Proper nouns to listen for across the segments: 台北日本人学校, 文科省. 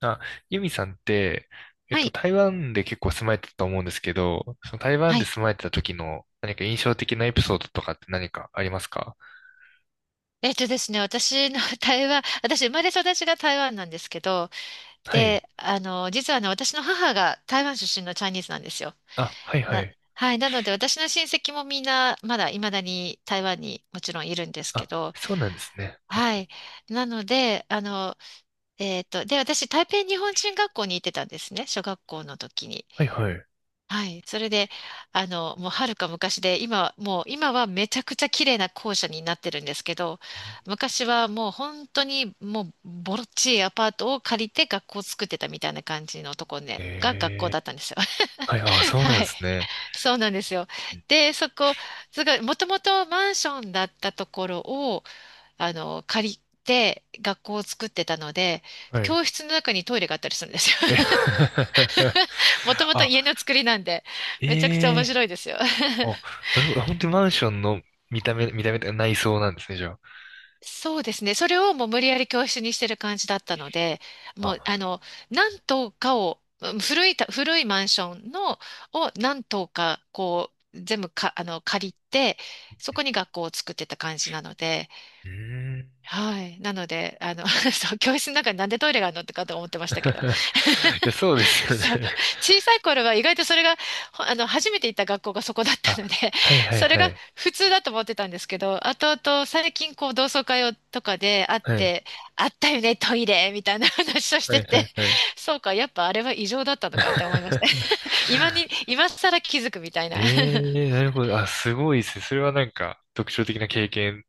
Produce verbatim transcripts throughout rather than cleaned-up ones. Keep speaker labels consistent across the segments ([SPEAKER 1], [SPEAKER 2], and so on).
[SPEAKER 1] あ、ユミさんって、えっ
[SPEAKER 2] は
[SPEAKER 1] と、
[SPEAKER 2] い。
[SPEAKER 1] 台湾で結構住まれてたと思うんですけど、その台湾
[SPEAKER 2] は
[SPEAKER 1] で
[SPEAKER 2] い。
[SPEAKER 1] 住まれてた時の何か印象的なエピソードとかって何かありますか？
[SPEAKER 2] えっとですね、私の 台湾、私生まれ育ちが台湾なんですけど、
[SPEAKER 1] はい。
[SPEAKER 2] で、あの、実はね、私の母が台湾出身のチャイニーズなんですよ。
[SPEAKER 1] あ、はいは
[SPEAKER 2] な、
[SPEAKER 1] い。
[SPEAKER 2] はい。なので、私の親戚もみんな、まだ未だに台湾にもちろんいるんですけ
[SPEAKER 1] あ、
[SPEAKER 2] ど、
[SPEAKER 1] そうなんですね。
[SPEAKER 2] はい。なので、あの、えっと、で、私、台北日本人学校に行ってたんですね、小学校の時に。
[SPEAKER 1] はいはい。う
[SPEAKER 2] はい。それで、あの、もうはるか昔で、今、もう今はめちゃくちゃ綺麗な校舎になってるんですけど、
[SPEAKER 1] ん。
[SPEAKER 2] 昔はもう本当にもうボロっちいアパートを借りて学校を作ってたみたいな感じのとこね、が学校
[SPEAKER 1] え
[SPEAKER 2] だったんですよ。
[SPEAKER 1] ー、はい、あ、そうなん
[SPEAKER 2] は
[SPEAKER 1] で
[SPEAKER 2] い。
[SPEAKER 1] すね。
[SPEAKER 2] そうなんですよ。
[SPEAKER 1] うん。
[SPEAKER 2] で、そこ、すごい、もともとマンションだったところを、あの、借りて学校を作ってたので、
[SPEAKER 1] はい。
[SPEAKER 2] 教室の中にトイレがあったりするんですよ。
[SPEAKER 1] え？
[SPEAKER 2] もと もと
[SPEAKER 1] あ、
[SPEAKER 2] 家の作りなんで、めちゃくちゃ
[SPEAKER 1] え
[SPEAKER 2] 面
[SPEAKER 1] え。
[SPEAKER 2] 白いですよ。
[SPEAKER 1] あ、なるほど。あ、本当にマンションの見た目、見た目、内装なんですね、じゃ
[SPEAKER 2] そうですね。それをもう無理やり教室にしてる感じだったので、
[SPEAKER 1] あ。
[SPEAKER 2] も
[SPEAKER 1] あ、
[SPEAKER 2] う、あの、何棟かを、うん古いた、古いマンションの、を何棟か、こう、全部か、あの、借りて、そこに学校を作ってた感じなので、
[SPEAKER 1] うーん。
[SPEAKER 2] はい。なので、あの、そう、教室の中になんでトイレがあるのってかと思ってま し
[SPEAKER 1] い
[SPEAKER 2] たけど。
[SPEAKER 1] や、そうですよね。
[SPEAKER 2] そう、小さい頃は意外とそれが、ほあの、初めて行った学校がそこだったの
[SPEAKER 1] あ、
[SPEAKER 2] で、
[SPEAKER 1] はい はい
[SPEAKER 2] それ
[SPEAKER 1] は
[SPEAKER 2] が
[SPEAKER 1] い。
[SPEAKER 2] 普通だと思ってたんですけど、後々最近こう同窓会をとかで会っ
[SPEAKER 1] はい。
[SPEAKER 2] て、あったよね、トイレみたいな話をし
[SPEAKER 1] は
[SPEAKER 2] て
[SPEAKER 1] いは
[SPEAKER 2] て、
[SPEAKER 1] いはい。
[SPEAKER 2] そうか、やっぱあれは異常だったのかって思いました。今 に、今更気づくみたいな
[SPEAKER 1] ええ。なるほど。あ、すごいですね。それはなんか特徴的な経験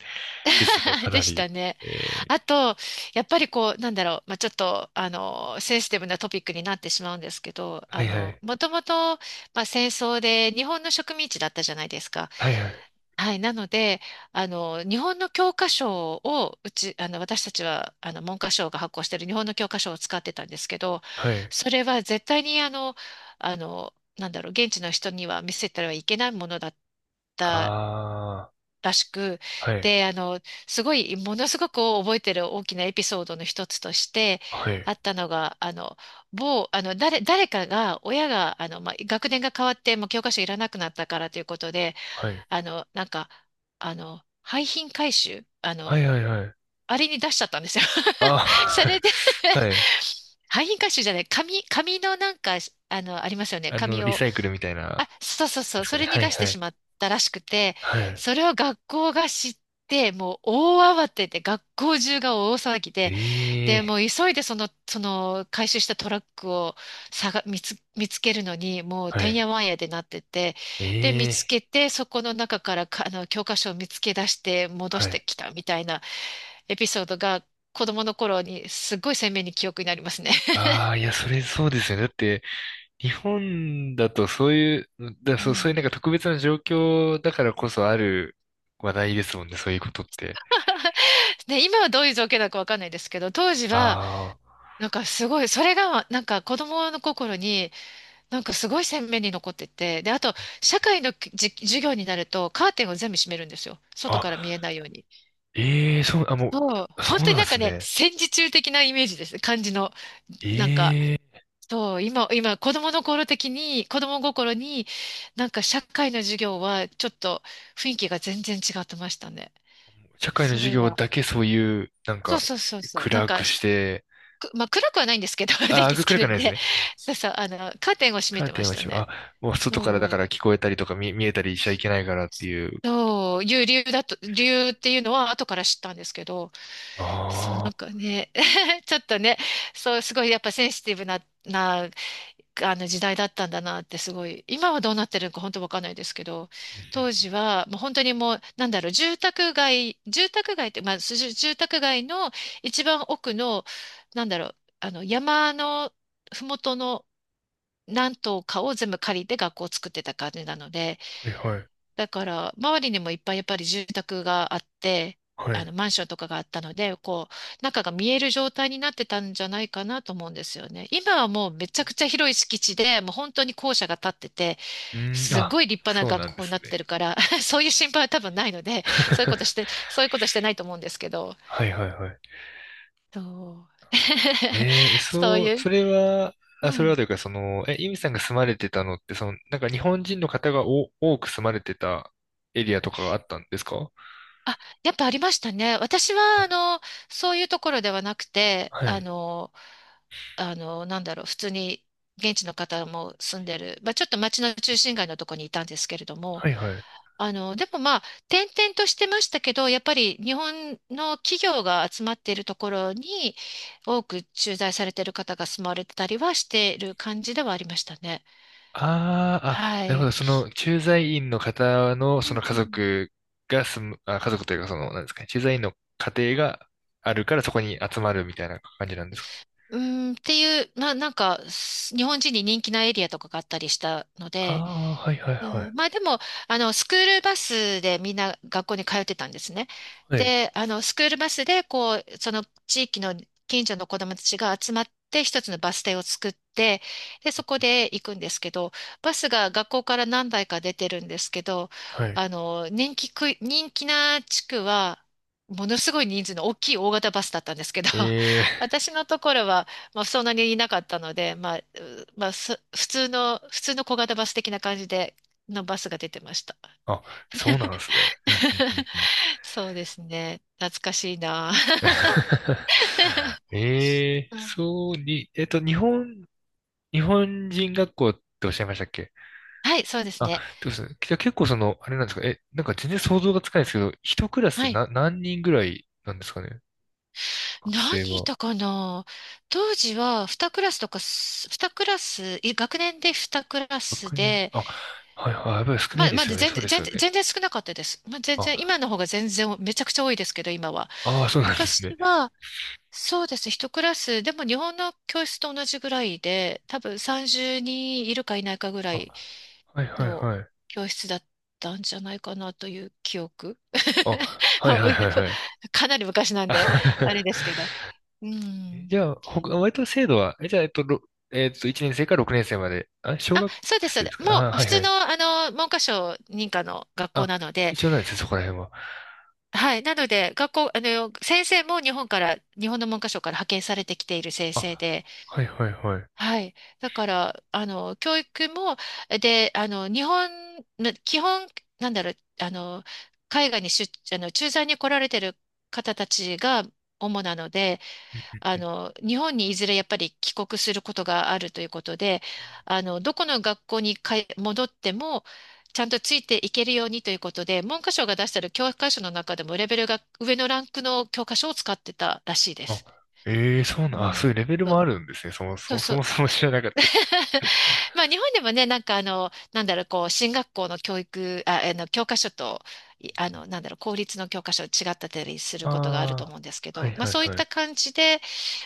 [SPEAKER 1] ですね、か
[SPEAKER 2] で
[SPEAKER 1] な
[SPEAKER 2] した
[SPEAKER 1] り。
[SPEAKER 2] ね。
[SPEAKER 1] ええ。
[SPEAKER 2] あと、やっぱりこう、なんだろう、まあ、ちょっと、あの、センシティブなトピックになってしまうんですけど、
[SPEAKER 1] は
[SPEAKER 2] あ
[SPEAKER 1] いは
[SPEAKER 2] の、
[SPEAKER 1] い。
[SPEAKER 2] もともと、まあ、戦争で日本の植民地だったじゃないですか。
[SPEAKER 1] はいはい。
[SPEAKER 2] はい。なので、あの、日本の教科書を、うち、あの、私たちは、あの、文科省が発行している日本の教科書を使ってたんですけど、
[SPEAKER 1] はい。
[SPEAKER 2] それは絶対に、あの、あの、なんだろう、現地の人には見せたらいけないものだった。
[SPEAKER 1] あ
[SPEAKER 2] らしく、
[SPEAKER 1] あ、はい。
[SPEAKER 2] で、あの、すごい、ものすごく覚えてる大きなエピソードの一つとして
[SPEAKER 1] は
[SPEAKER 2] あ
[SPEAKER 1] い。
[SPEAKER 2] ったのが、あの、某、あの、誰、誰かが、親が、あの、まあ、学年が変わって、もう教科書いらなくなったからということで、
[SPEAKER 1] はい。
[SPEAKER 2] あの、なんか、あの、廃品回収、あ
[SPEAKER 1] は
[SPEAKER 2] の、
[SPEAKER 1] いはいはい。
[SPEAKER 2] あれに出しちゃったんですよ。そ
[SPEAKER 1] あ
[SPEAKER 2] れで
[SPEAKER 1] あ、はい。
[SPEAKER 2] 廃品回収じゃない、紙、紙のなんか、あの、ありますよね。
[SPEAKER 1] あ
[SPEAKER 2] 紙
[SPEAKER 1] の、リ
[SPEAKER 2] を
[SPEAKER 1] サイクルみたい
[SPEAKER 2] あ、
[SPEAKER 1] な、
[SPEAKER 2] そうそうそ
[SPEAKER 1] で
[SPEAKER 2] う、
[SPEAKER 1] す
[SPEAKER 2] そ
[SPEAKER 1] かね。
[SPEAKER 2] れに
[SPEAKER 1] はい
[SPEAKER 2] 出して
[SPEAKER 1] は
[SPEAKER 2] し
[SPEAKER 1] い。
[SPEAKER 2] まったらしくて、
[SPEAKER 1] はい。
[SPEAKER 2] それを学校が知って、もう大慌てで、学校中が大騒ぎ
[SPEAKER 1] え
[SPEAKER 2] で、で、
[SPEAKER 1] え。
[SPEAKER 2] もう急いでその、その回収したトラックを探見つ、見つけるのに、もう
[SPEAKER 1] は
[SPEAKER 2] てん
[SPEAKER 1] い。
[SPEAKER 2] やわんやでなってて、で、見つ
[SPEAKER 1] ええ。
[SPEAKER 2] けて、そこの中からか、あの、教科書を見つけ出して戻
[SPEAKER 1] は
[SPEAKER 2] して
[SPEAKER 1] い。
[SPEAKER 2] きたみたいなエピソードが、子供の頃にすっごい鮮明に記憶になりますね。
[SPEAKER 1] ああ、いや、それそうですよね。だって、日本だとそういう、だ、
[SPEAKER 2] う
[SPEAKER 1] そう、そういうなん
[SPEAKER 2] ん。
[SPEAKER 1] か特別な状況だからこそある話題ですもんね、そういうことって。
[SPEAKER 2] ね、今はどういう状況だかわかんないですけど、当時は、
[SPEAKER 1] あ
[SPEAKER 2] なんかすごい、それがなんか子供の心になんかすごい鮮明に残ってて、で、あと社会のじ授業になるとカーテンを全部閉めるんですよ。
[SPEAKER 1] あ、
[SPEAKER 2] 外から見
[SPEAKER 1] あ、
[SPEAKER 2] えないように。
[SPEAKER 1] ええ、そう、あ、も
[SPEAKER 2] そう、
[SPEAKER 1] う、そ
[SPEAKER 2] 本
[SPEAKER 1] う
[SPEAKER 2] 当に
[SPEAKER 1] なんで
[SPEAKER 2] なんか
[SPEAKER 1] す
[SPEAKER 2] ね、
[SPEAKER 1] ね。
[SPEAKER 2] 戦時中的なイメージです。感じの。なんか、
[SPEAKER 1] ええ。
[SPEAKER 2] そう、今、今子供の頃的に、子供心になんか社会の授業はちょっと雰囲気が全然違ってましたね。
[SPEAKER 1] 社会の
[SPEAKER 2] そ
[SPEAKER 1] 授
[SPEAKER 2] れ
[SPEAKER 1] 業
[SPEAKER 2] は。
[SPEAKER 1] だけそういう、なん
[SPEAKER 2] そう
[SPEAKER 1] か、
[SPEAKER 2] そうそうそう。なん
[SPEAKER 1] 暗く
[SPEAKER 2] か、し
[SPEAKER 1] して、
[SPEAKER 2] くまあ暗くはないんですけど、電
[SPEAKER 1] ああ、
[SPEAKER 2] 気つけ
[SPEAKER 1] 暗くは
[SPEAKER 2] る
[SPEAKER 1] な
[SPEAKER 2] ん
[SPEAKER 1] いです
[SPEAKER 2] で、
[SPEAKER 1] ね。
[SPEAKER 2] そうそう、あの、カーテンを閉め
[SPEAKER 1] カー
[SPEAKER 2] て
[SPEAKER 1] テ
[SPEAKER 2] ま
[SPEAKER 1] ン
[SPEAKER 2] し
[SPEAKER 1] は
[SPEAKER 2] た
[SPEAKER 1] しあ、
[SPEAKER 2] ね。
[SPEAKER 1] もう外からだか
[SPEAKER 2] そ
[SPEAKER 1] ら聞こえたりとか見、見えたりしちゃいけないからっていう。
[SPEAKER 2] う、そう、いう理由だと、理由っていうのは後から知ったんですけど、そう、
[SPEAKER 1] ああ、
[SPEAKER 2] なんか
[SPEAKER 1] う
[SPEAKER 2] ね、ちょっとね、そう、すごいやっぱセンシティブな、な、あの時代だったんだなってすごい、今はどうなってるのか本当わかんないですけど、当
[SPEAKER 1] ん。
[SPEAKER 2] 時は、もう本当にもう、なんだろう、住宅街、住宅街って、まあ、す住住宅街の一番奥の、なんだろう、あの、山のふもとの何棟かを全部借りて学校を作ってた感じなので、
[SPEAKER 1] はいはい、
[SPEAKER 2] だから、周りにもいっぱいやっぱり住宅があって、
[SPEAKER 1] は
[SPEAKER 2] あ
[SPEAKER 1] い。
[SPEAKER 2] の、マンションとかがあったので、こう、中が見える状態になってたんじゃないかなと思うんですよね。今はもうめちゃくちゃ広い敷地で、もう本当に校舎が建ってて、
[SPEAKER 1] うん、
[SPEAKER 2] す
[SPEAKER 1] あ、
[SPEAKER 2] ごい立派な
[SPEAKER 1] そう
[SPEAKER 2] 学
[SPEAKER 1] なんで
[SPEAKER 2] 校に
[SPEAKER 1] す
[SPEAKER 2] なってる
[SPEAKER 1] ね。
[SPEAKER 2] から、そういう心配は多分ないので、そういうことして、そういうことしてないと思うんですけど、
[SPEAKER 1] はいはいはい。
[SPEAKER 2] そう。
[SPEAKER 1] ええ、
[SPEAKER 2] そう
[SPEAKER 1] そう、
[SPEAKER 2] いう、
[SPEAKER 1] それは、あ、
[SPEAKER 2] う
[SPEAKER 1] それは
[SPEAKER 2] ん。
[SPEAKER 1] というか、その、え、イミさんが住まれてたのって、その、なんか日本人の方がお多く住まれてたエリアとかがあったんですか？
[SPEAKER 2] あ、やっぱありましたね。私は、あの、そういうところではなくて、
[SPEAKER 1] は
[SPEAKER 2] あ
[SPEAKER 1] い。
[SPEAKER 2] の、あの、なんだろう、普通に現地の方も住んでる、まあ、ちょっと町の中心街のとこにいたんですけれども、
[SPEAKER 1] はいはい。
[SPEAKER 2] あの、でもまあ、転々としてましたけど、やっぱり日本の企業が集まっているところに多く駐在されている方が住まわれてたりはしている感じではありましたね。
[SPEAKER 1] ああ、あ、
[SPEAKER 2] は
[SPEAKER 1] なるほど。そ
[SPEAKER 2] い。
[SPEAKER 1] の、駐在員の方の、そ
[SPEAKER 2] う
[SPEAKER 1] の
[SPEAKER 2] ん
[SPEAKER 1] 家
[SPEAKER 2] うん
[SPEAKER 1] 族が住む、あ、家族というか、その、なんですかね、駐在員の家庭があるからそこに集まるみたいな感じなんですかね。
[SPEAKER 2] うーん、っていう、な、なんか、す日本人に人気なエリアとかがあったりしたの
[SPEAKER 1] あ
[SPEAKER 2] で、
[SPEAKER 1] あ、はいはい
[SPEAKER 2] う
[SPEAKER 1] はい。
[SPEAKER 2] ん、まあでも、あの、スクールバスでみんな学校に通ってたんですね。
[SPEAKER 1] はい。
[SPEAKER 2] で、あの、スクールバスで、こう、その地域の近所の子どもたちが集まって、一つのバス停を作って、で、そこで行くんですけど、バスが学校から何台か出てるんですけど、
[SPEAKER 1] はい。
[SPEAKER 2] あの、人気区、人気な地区は、ものすごい人数の大きい大型バスだったんですけど、
[SPEAKER 1] え え、
[SPEAKER 2] 私のところは、まあ、そんなにいなかったので、まあ、うまあ、す普通の、普通の小型バス的な感じでのバスが出てました。
[SPEAKER 1] あ、そうなんですね。うんうん うんうん。
[SPEAKER 2] そうですね。懐かしいな。
[SPEAKER 1] ええ、
[SPEAKER 2] うん
[SPEAKER 1] そうに、えっと、日本、日本人学校っておっしゃいましたっけ？
[SPEAKER 2] はい、そうです
[SPEAKER 1] あ、
[SPEAKER 2] ね。
[SPEAKER 1] どうですね。じゃあ結構その、あれなんですかえ、なんか全然想像がつかないですけど、一クラス
[SPEAKER 2] はい。
[SPEAKER 1] な、何人ぐらいなんですかね、学
[SPEAKER 2] 何
[SPEAKER 1] 生
[SPEAKER 2] い
[SPEAKER 1] は。
[SPEAKER 2] たかな当時はにクラスクラスとかす、にクラス、い学年でにクラスクラス
[SPEAKER 1] 学年
[SPEAKER 2] で、
[SPEAKER 1] あ、はいはい、やっぱり少な
[SPEAKER 2] ま
[SPEAKER 1] い
[SPEAKER 2] あ、
[SPEAKER 1] で
[SPEAKER 2] ま
[SPEAKER 1] す
[SPEAKER 2] だ
[SPEAKER 1] よね。
[SPEAKER 2] 全
[SPEAKER 1] そう
[SPEAKER 2] 然、
[SPEAKER 1] です
[SPEAKER 2] 全
[SPEAKER 1] よ
[SPEAKER 2] 然、
[SPEAKER 1] ね。
[SPEAKER 2] 全然少なかったです。まあ、全
[SPEAKER 1] あ、
[SPEAKER 2] 然、今の方が全然、めちゃくちゃ多いですけど、今は。
[SPEAKER 1] ああ、そうなんですね。
[SPEAKER 2] 昔は、そうです。いちクラスクラス、でも日本の教室と同じぐらいで、多分さんじゅうにんいるかいないかぐら
[SPEAKER 1] あ、
[SPEAKER 2] い
[SPEAKER 1] はいはい
[SPEAKER 2] の
[SPEAKER 1] はい。
[SPEAKER 2] 教室だったんじゃないかなという記憶。
[SPEAKER 1] あ、はい
[SPEAKER 2] もう
[SPEAKER 1] はいはいはい。
[SPEAKER 2] かなり昔なんで、あれ
[SPEAKER 1] あ
[SPEAKER 2] ですけど。う ん。
[SPEAKER 1] じゃあ、ほか、割と制度は、え、じゃあ、えっと、ろえっと、いちねん生からろくねん生まで、あ、小
[SPEAKER 2] あ、
[SPEAKER 1] 学
[SPEAKER 2] そうです、そう
[SPEAKER 1] 生で
[SPEAKER 2] で
[SPEAKER 1] す
[SPEAKER 2] す。
[SPEAKER 1] か
[SPEAKER 2] も
[SPEAKER 1] あ？
[SPEAKER 2] う、
[SPEAKER 1] は
[SPEAKER 2] 普
[SPEAKER 1] いは
[SPEAKER 2] 通の、
[SPEAKER 1] い。
[SPEAKER 2] あの、文科省認可の学校
[SPEAKER 1] あ、
[SPEAKER 2] なので、
[SPEAKER 1] 一応ないですよ、そこら辺は。
[SPEAKER 2] はい。なので、学校、あの、先生も日本から、日本の文科省から派遣されてきている先生
[SPEAKER 1] あ、
[SPEAKER 2] で、
[SPEAKER 1] はいはいはい。
[SPEAKER 2] はい。だから、あの、教育も、で、あの、日本、ま基本、なんだろう、あの、海外に出、あの、駐在に来られてる方たちが主なので、
[SPEAKER 1] うん。
[SPEAKER 2] あの、日本にいずれやっぱり帰国することがあるということで、あの、どこの学校にかえ戻っても、ちゃんとついていけるようにということで、文科省が出してる教科書の中でもレベルが上のランクの教科書を使ってたらしいで
[SPEAKER 1] あ、
[SPEAKER 2] す。
[SPEAKER 1] ええ、そうな
[SPEAKER 2] う
[SPEAKER 1] ん、あ、
[SPEAKER 2] ん。
[SPEAKER 1] そういうレベル
[SPEAKER 2] そう
[SPEAKER 1] もあるんですね。そもそ
[SPEAKER 2] そう。
[SPEAKER 1] も、そ
[SPEAKER 2] そ
[SPEAKER 1] も
[SPEAKER 2] う。
[SPEAKER 1] そも知らなかったですね。
[SPEAKER 2] まあ、日本でもね、なんかあの、なんだろう、こう、進学校の教育、あ、あの、教科書と、いあ
[SPEAKER 1] うん。
[SPEAKER 2] の、なんだろう、公立の教科書違ったりする
[SPEAKER 1] あ
[SPEAKER 2] ことがあると思うんですけ
[SPEAKER 1] あ、はい
[SPEAKER 2] ど、まあ、
[SPEAKER 1] はい
[SPEAKER 2] そういっ
[SPEAKER 1] はい。う
[SPEAKER 2] た
[SPEAKER 1] ん。
[SPEAKER 2] 感じで、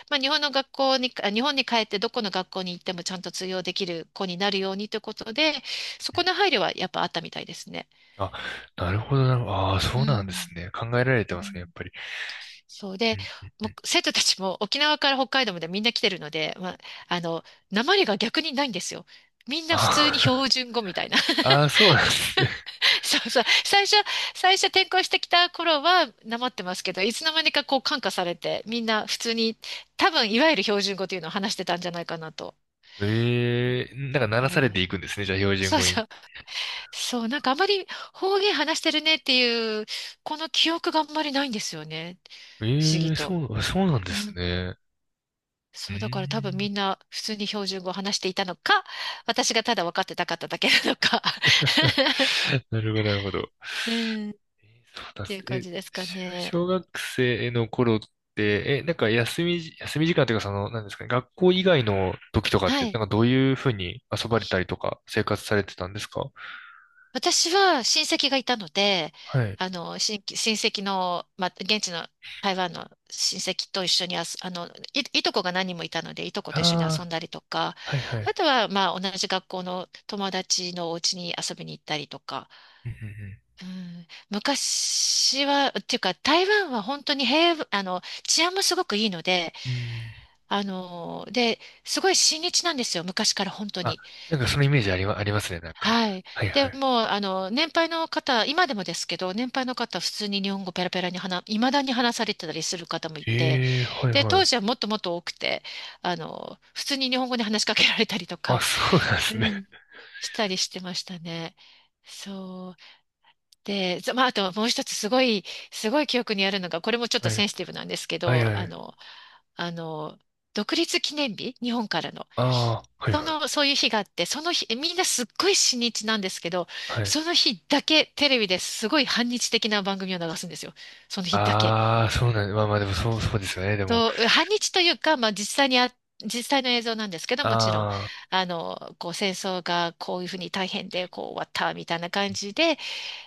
[SPEAKER 2] まあ、日本の学校に、あ日本に帰ってどこの学校に行ってもちゃんと通用できる子になるようにということで、そこの配慮はやっぱあったみたいですね。
[SPEAKER 1] あ、なるほどなるほど。ああ、
[SPEAKER 2] う
[SPEAKER 1] そうなんで
[SPEAKER 2] ん。
[SPEAKER 1] すね。考えられて
[SPEAKER 2] う
[SPEAKER 1] ますね、やっ
[SPEAKER 2] ん。
[SPEAKER 1] ぱり。
[SPEAKER 2] そう
[SPEAKER 1] う
[SPEAKER 2] で、
[SPEAKER 1] んうんう
[SPEAKER 2] もう
[SPEAKER 1] ん。
[SPEAKER 2] 生徒たちも沖縄から北海道までみんな来てるので、まあ、あの、訛りが逆にないんですよ。みんな普通に
[SPEAKER 1] あー、
[SPEAKER 2] 標準語みたいな。
[SPEAKER 1] あー、あ、そうなんですね。
[SPEAKER 2] そうそう。最初、最初転校してきた頃はなまってますけど、いつの間にかこう感化されて、みんな普通に、多分いわゆる標準語というのを話してたんじゃないかなと。
[SPEAKER 1] ええ、なんか鳴ら
[SPEAKER 2] 思
[SPEAKER 1] さ
[SPEAKER 2] い
[SPEAKER 1] れ
[SPEAKER 2] ま
[SPEAKER 1] て
[SPEAKER 2] す
[SPEAKER 1] い
[SPEAKER 2] ね。
[SPEAKER 1] くんですね、じゃあ標準
[SPEAKER 2] そう
[SPEAKER 1] 語に。
[SPEAKER 2] そう。そう、なんかあまり方言話してるねっていう、この記憶があんまりないんですよね。不思議
[SPEAKER 1] ええ、
[SPEAKER 2] と。
[SPEAKER 1] そう、そうなんで
[SPEAKER 2] う
[SPEAKER 1] す
[SPEAKER 2] ん。
[SPEAKER 1] ね。うー
[SPEAKER 2] そう、だから多分み
[SPEAKER 1] ん。
[SPEAKER 2] んな普通に標準語を話していたのか、私がただ分かってなかっただけなのか。
[SPEAKER 1] なるほど、なるほど。
[SPEAKER 2] うん、っ
[SPEAKER 1] そうだっ
[SPEAKER 2] て
[SPEAKER 1] す。
[SPEAKER 2] いう感
[SPEAKER 1] え、
[SPEAKER 2] じですか
[SPEAKER 1] し
[SPEAKER 2] ね。
[SPEAKER 1] 小学生の頃って、え、なんか休みじ、休み時間というかその、なんですかね、学校以外の時とかっ
[SPEAKER 2] は
[SPEAKER 1] て、な
[SPEAKER 2] い。
[SPEAKER 1] んかどういうふうに遊ばれたりとか生活されてたんですか？
[SPEAKER 2] 私は親戚がいたので、
[SPEAKER 1] はい。
[SPEAKER 2] あの、親戚親戚の、まあ、現地の台湾の親戚と一緒に遊あの、い、いとこが何人もいたので、いとこと一緒に遊
[SPEAKER 1] あ
[SPEAKER 2] んだりとか、
[SPEAKER 1] あ、はいは
[SPEAKER 2] あ
[SPEAKER 1] い。
[SPEAKER 2] とは、まあ、同じ学校の友達のお家に遊びに行ったりとか、
[SPEAKER 1] うんう
[SPEAKER 2] うん、昔は、っていうか、台湾は本当に平和、あの、治安もすごくいいので、
[SPEAKER 1] んうん。うん。
[SPEAKER 2] あの、で、すごい親日なんですよ、昔から本当
[SPEAKER 1] あ、
[SPEAKER 2] に。
[SPEAKER 1] なんかそのイメージありま、ありますね、なんか。
[SPEAKER 2] はい。
[SPEAKER 1] はいは
[SPEAKER 2] で、
[SPEAKER 1] い。
[SPEAKER 2] もう、あの、年配の方、今でもですけど、年配の方、普通に日本語ペラペラに話、いまだに話されてたりする方もいて、
[SPEAKER 1] ええ、はい
[SPEAKER 2] で、
[SPEAKER 1] は
[SPEAKER 2] 当
[SPEAKER 1] い。
[SPEAKER 2] 時はもっともっと多くて、あの、普通に日本語で話しかけられたりと
[SPEAKER 1] あ、
[SPEAKER 2] か、
[SPEAKER 1] そうなんで
[SPEAKER 2] う
[SPEAKER 1] すね。
[SPEAKER 2] ん、したりしてましたね。そう。で、ざまあ、あともう一つすごい、すごい記憶にあるのが、これもちょっと
[SPEAKER 1] は
[SPEAKER 2] セ
[SPEAKER 1] い。
[SPEAKER 2] ンシティブなんですけ
[SPEAKER 1] はい
[SPEAKER 2] ど、
[SPEAKER 1] は
[SPEAKER 2] あ
[SPEAKER 1] い。
[SPEAKER 2] の、あの、独立記念日、日本からの。
[SPEAKER 1] ああ、はい
[SPEAKER 2] そ
[SPEAKER 1] はい。
[SPEAKER 2] の、そういう日があって、その日、えみんなすっごい親日なんですけど、
[SPEAKER 1] はい。
[SPEAKER 2] その日だけテレビですごい反日的な番組を流すんですよ。その日だけ。
[SPEAKER 1] ああ、そうなん、まあまあでもそう、そうですよね、でも。
[SPEAKER 2] そう、反日というか、まあ実際にあ、実際の映像なんですけど、もちろん、
[SPEAKER 1] あ
[SPEAKER 2] あの、こう戦争がこういうふうに大変で、こう終わったみたいな感じで、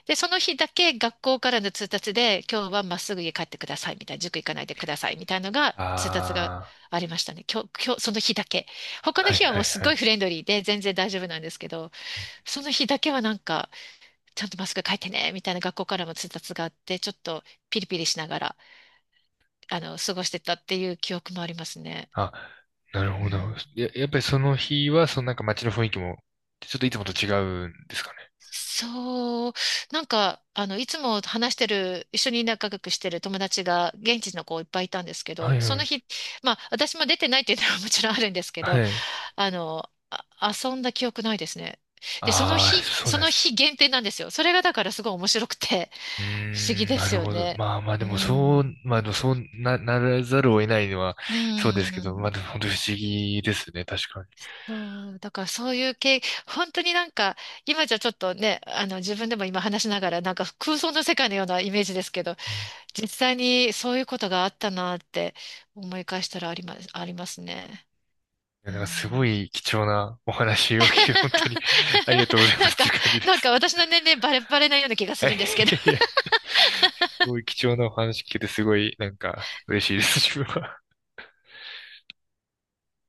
[SPEAKER 2] で、その日だけ学校からの通達で、今日はまっすぐ家帰ってくださいみたいな、塾行かないでくださいみたいなのが
[SPEAKER 1] あ、
[SPEAKER 2] 通達が
[SPEAKER 1] ああ。
[SPEAKER 2] ありましたね。今日、今日、その日だけ。他の
[SPEAKER 1] はい
[SPEAKER 2] 日は
[SPEAKER 1] は
[SPEAKER 2] も
[SPEAKER 1] い
[SPEAKER 2] うす
[SPEAKER 1] は
[SPEAKER 2] ごい
[SPEAKER 1] い。
[SPEAKER 2] フレンドリーで全然大丈夫なんですけど、その日だけはなんか、ちゃんとまっすぐ帰ってねみたいな学校からも通達があって、ちょっとピリピリしながら、あの、過ごしてたっていう記憶もありますね。
[SPEAKER 1] あ、なる
[SPEAKER 2] う
[SPEAKER 1] ほど。
[SPEAKER 2] ん。
[SPEAKER 1] や、やっぱりその日は、そのなんか街の雰囲気も、ちょっといつもと違うんですかね。
[SPEAKER 2] そう、なんか、あの、いつも話してる、一緒に仲良くしてる友達が、現地の子いっぱいいたんですけ
[SPEAKER 1] は
[SPEAKER 2] ど、
[SPEAKER 1] い
[SPEAKER 2] そ
[SPEAKER 1] は
[SPEAKER 2] の
[SPEAKER 1] い。
[SPEAKER 2] 日、まあ、私も出てないっていうのは もちろんあるんですけ
[SPEAKER 1] は
[SPEAKER 2] ど、
[SPEAKER 1] い。
[SPEAKER 2] あの、あ、遊んだ記憶ないですね。で、その
[SPEAKER 1] ああ、
[SPEAKER 2] 日、
[SPEAKER 1] そう
[SPEAKER 2] そ
[SPEAKER 1] なんで
[SPEAKER 2] の
[SPEAKER 1] すね。
[SPEAKER 2] 日限定なんですよ。それがだからすごい面白くて、
[SPEAKER 1] うー
[SPEAKER 2] 不思議
[SPEAKER 1] ん、
[SPEAKER 2] で
[SPEAKER 1] な
[SPEAKER 2] す
[SPEAKER 1] る
[SPEAKER 2] よ
[SPEAKER 1] ほど。
[SPEAKER 2] ね。
[SPEAKER 1] まあまあで
[SPEAKER 2] う
[SPEAKER 1] もそう、
[SPEAKER 2] ん。
[SPEAKER 1] まあでもそうな、ならざるを得ないのは
[SPEAKER 2] う
[SPEAKER 1] そうで
[SPEAKER 2] ー
[SPEAKER 1] すけど、まあで
[SPEAKER 2] ん。
[SPEAKER 1] も本当不思議ですね、確かに。
[SPEAKER 2] そう、だからそういう系、本当になんか、今じゃちょっとね、あの自分でも今話しながら、なんか空想の世界のようなイメージですけど、
[SPEAKER 1] うん。
[SPEAKER 2] 実際にそういうことがあったなって思い返したらあります、ありますね。
[SPEAKER 1] いや、
[SPEAKER 2] う
[SPEAKER 1] なんかすご
[SPEAKER 2] ん。
[SPEAKER 1] い貴重なお 話を聞いて、本当に ありがとうございま
[SPEAKER 2] な
[SPEAKER 1] す
[SPEAKER 2] ん
[SPEAKER 1] っ
[SPEAKER 2] か、
[SPEAKER 1] ていう感じで
[SPEAKER 2] なん
[SPEAKER 1] す。
[SPEAKER 2] か私の年齢バレバレなような気がす
[SPEAKER 1] はい、
[SPEAKER 2] るんですけど
[SPEAKER 1] いやいや、すごい貴重なお話聞けて、すごい、なんか、嬉しいです、自分は。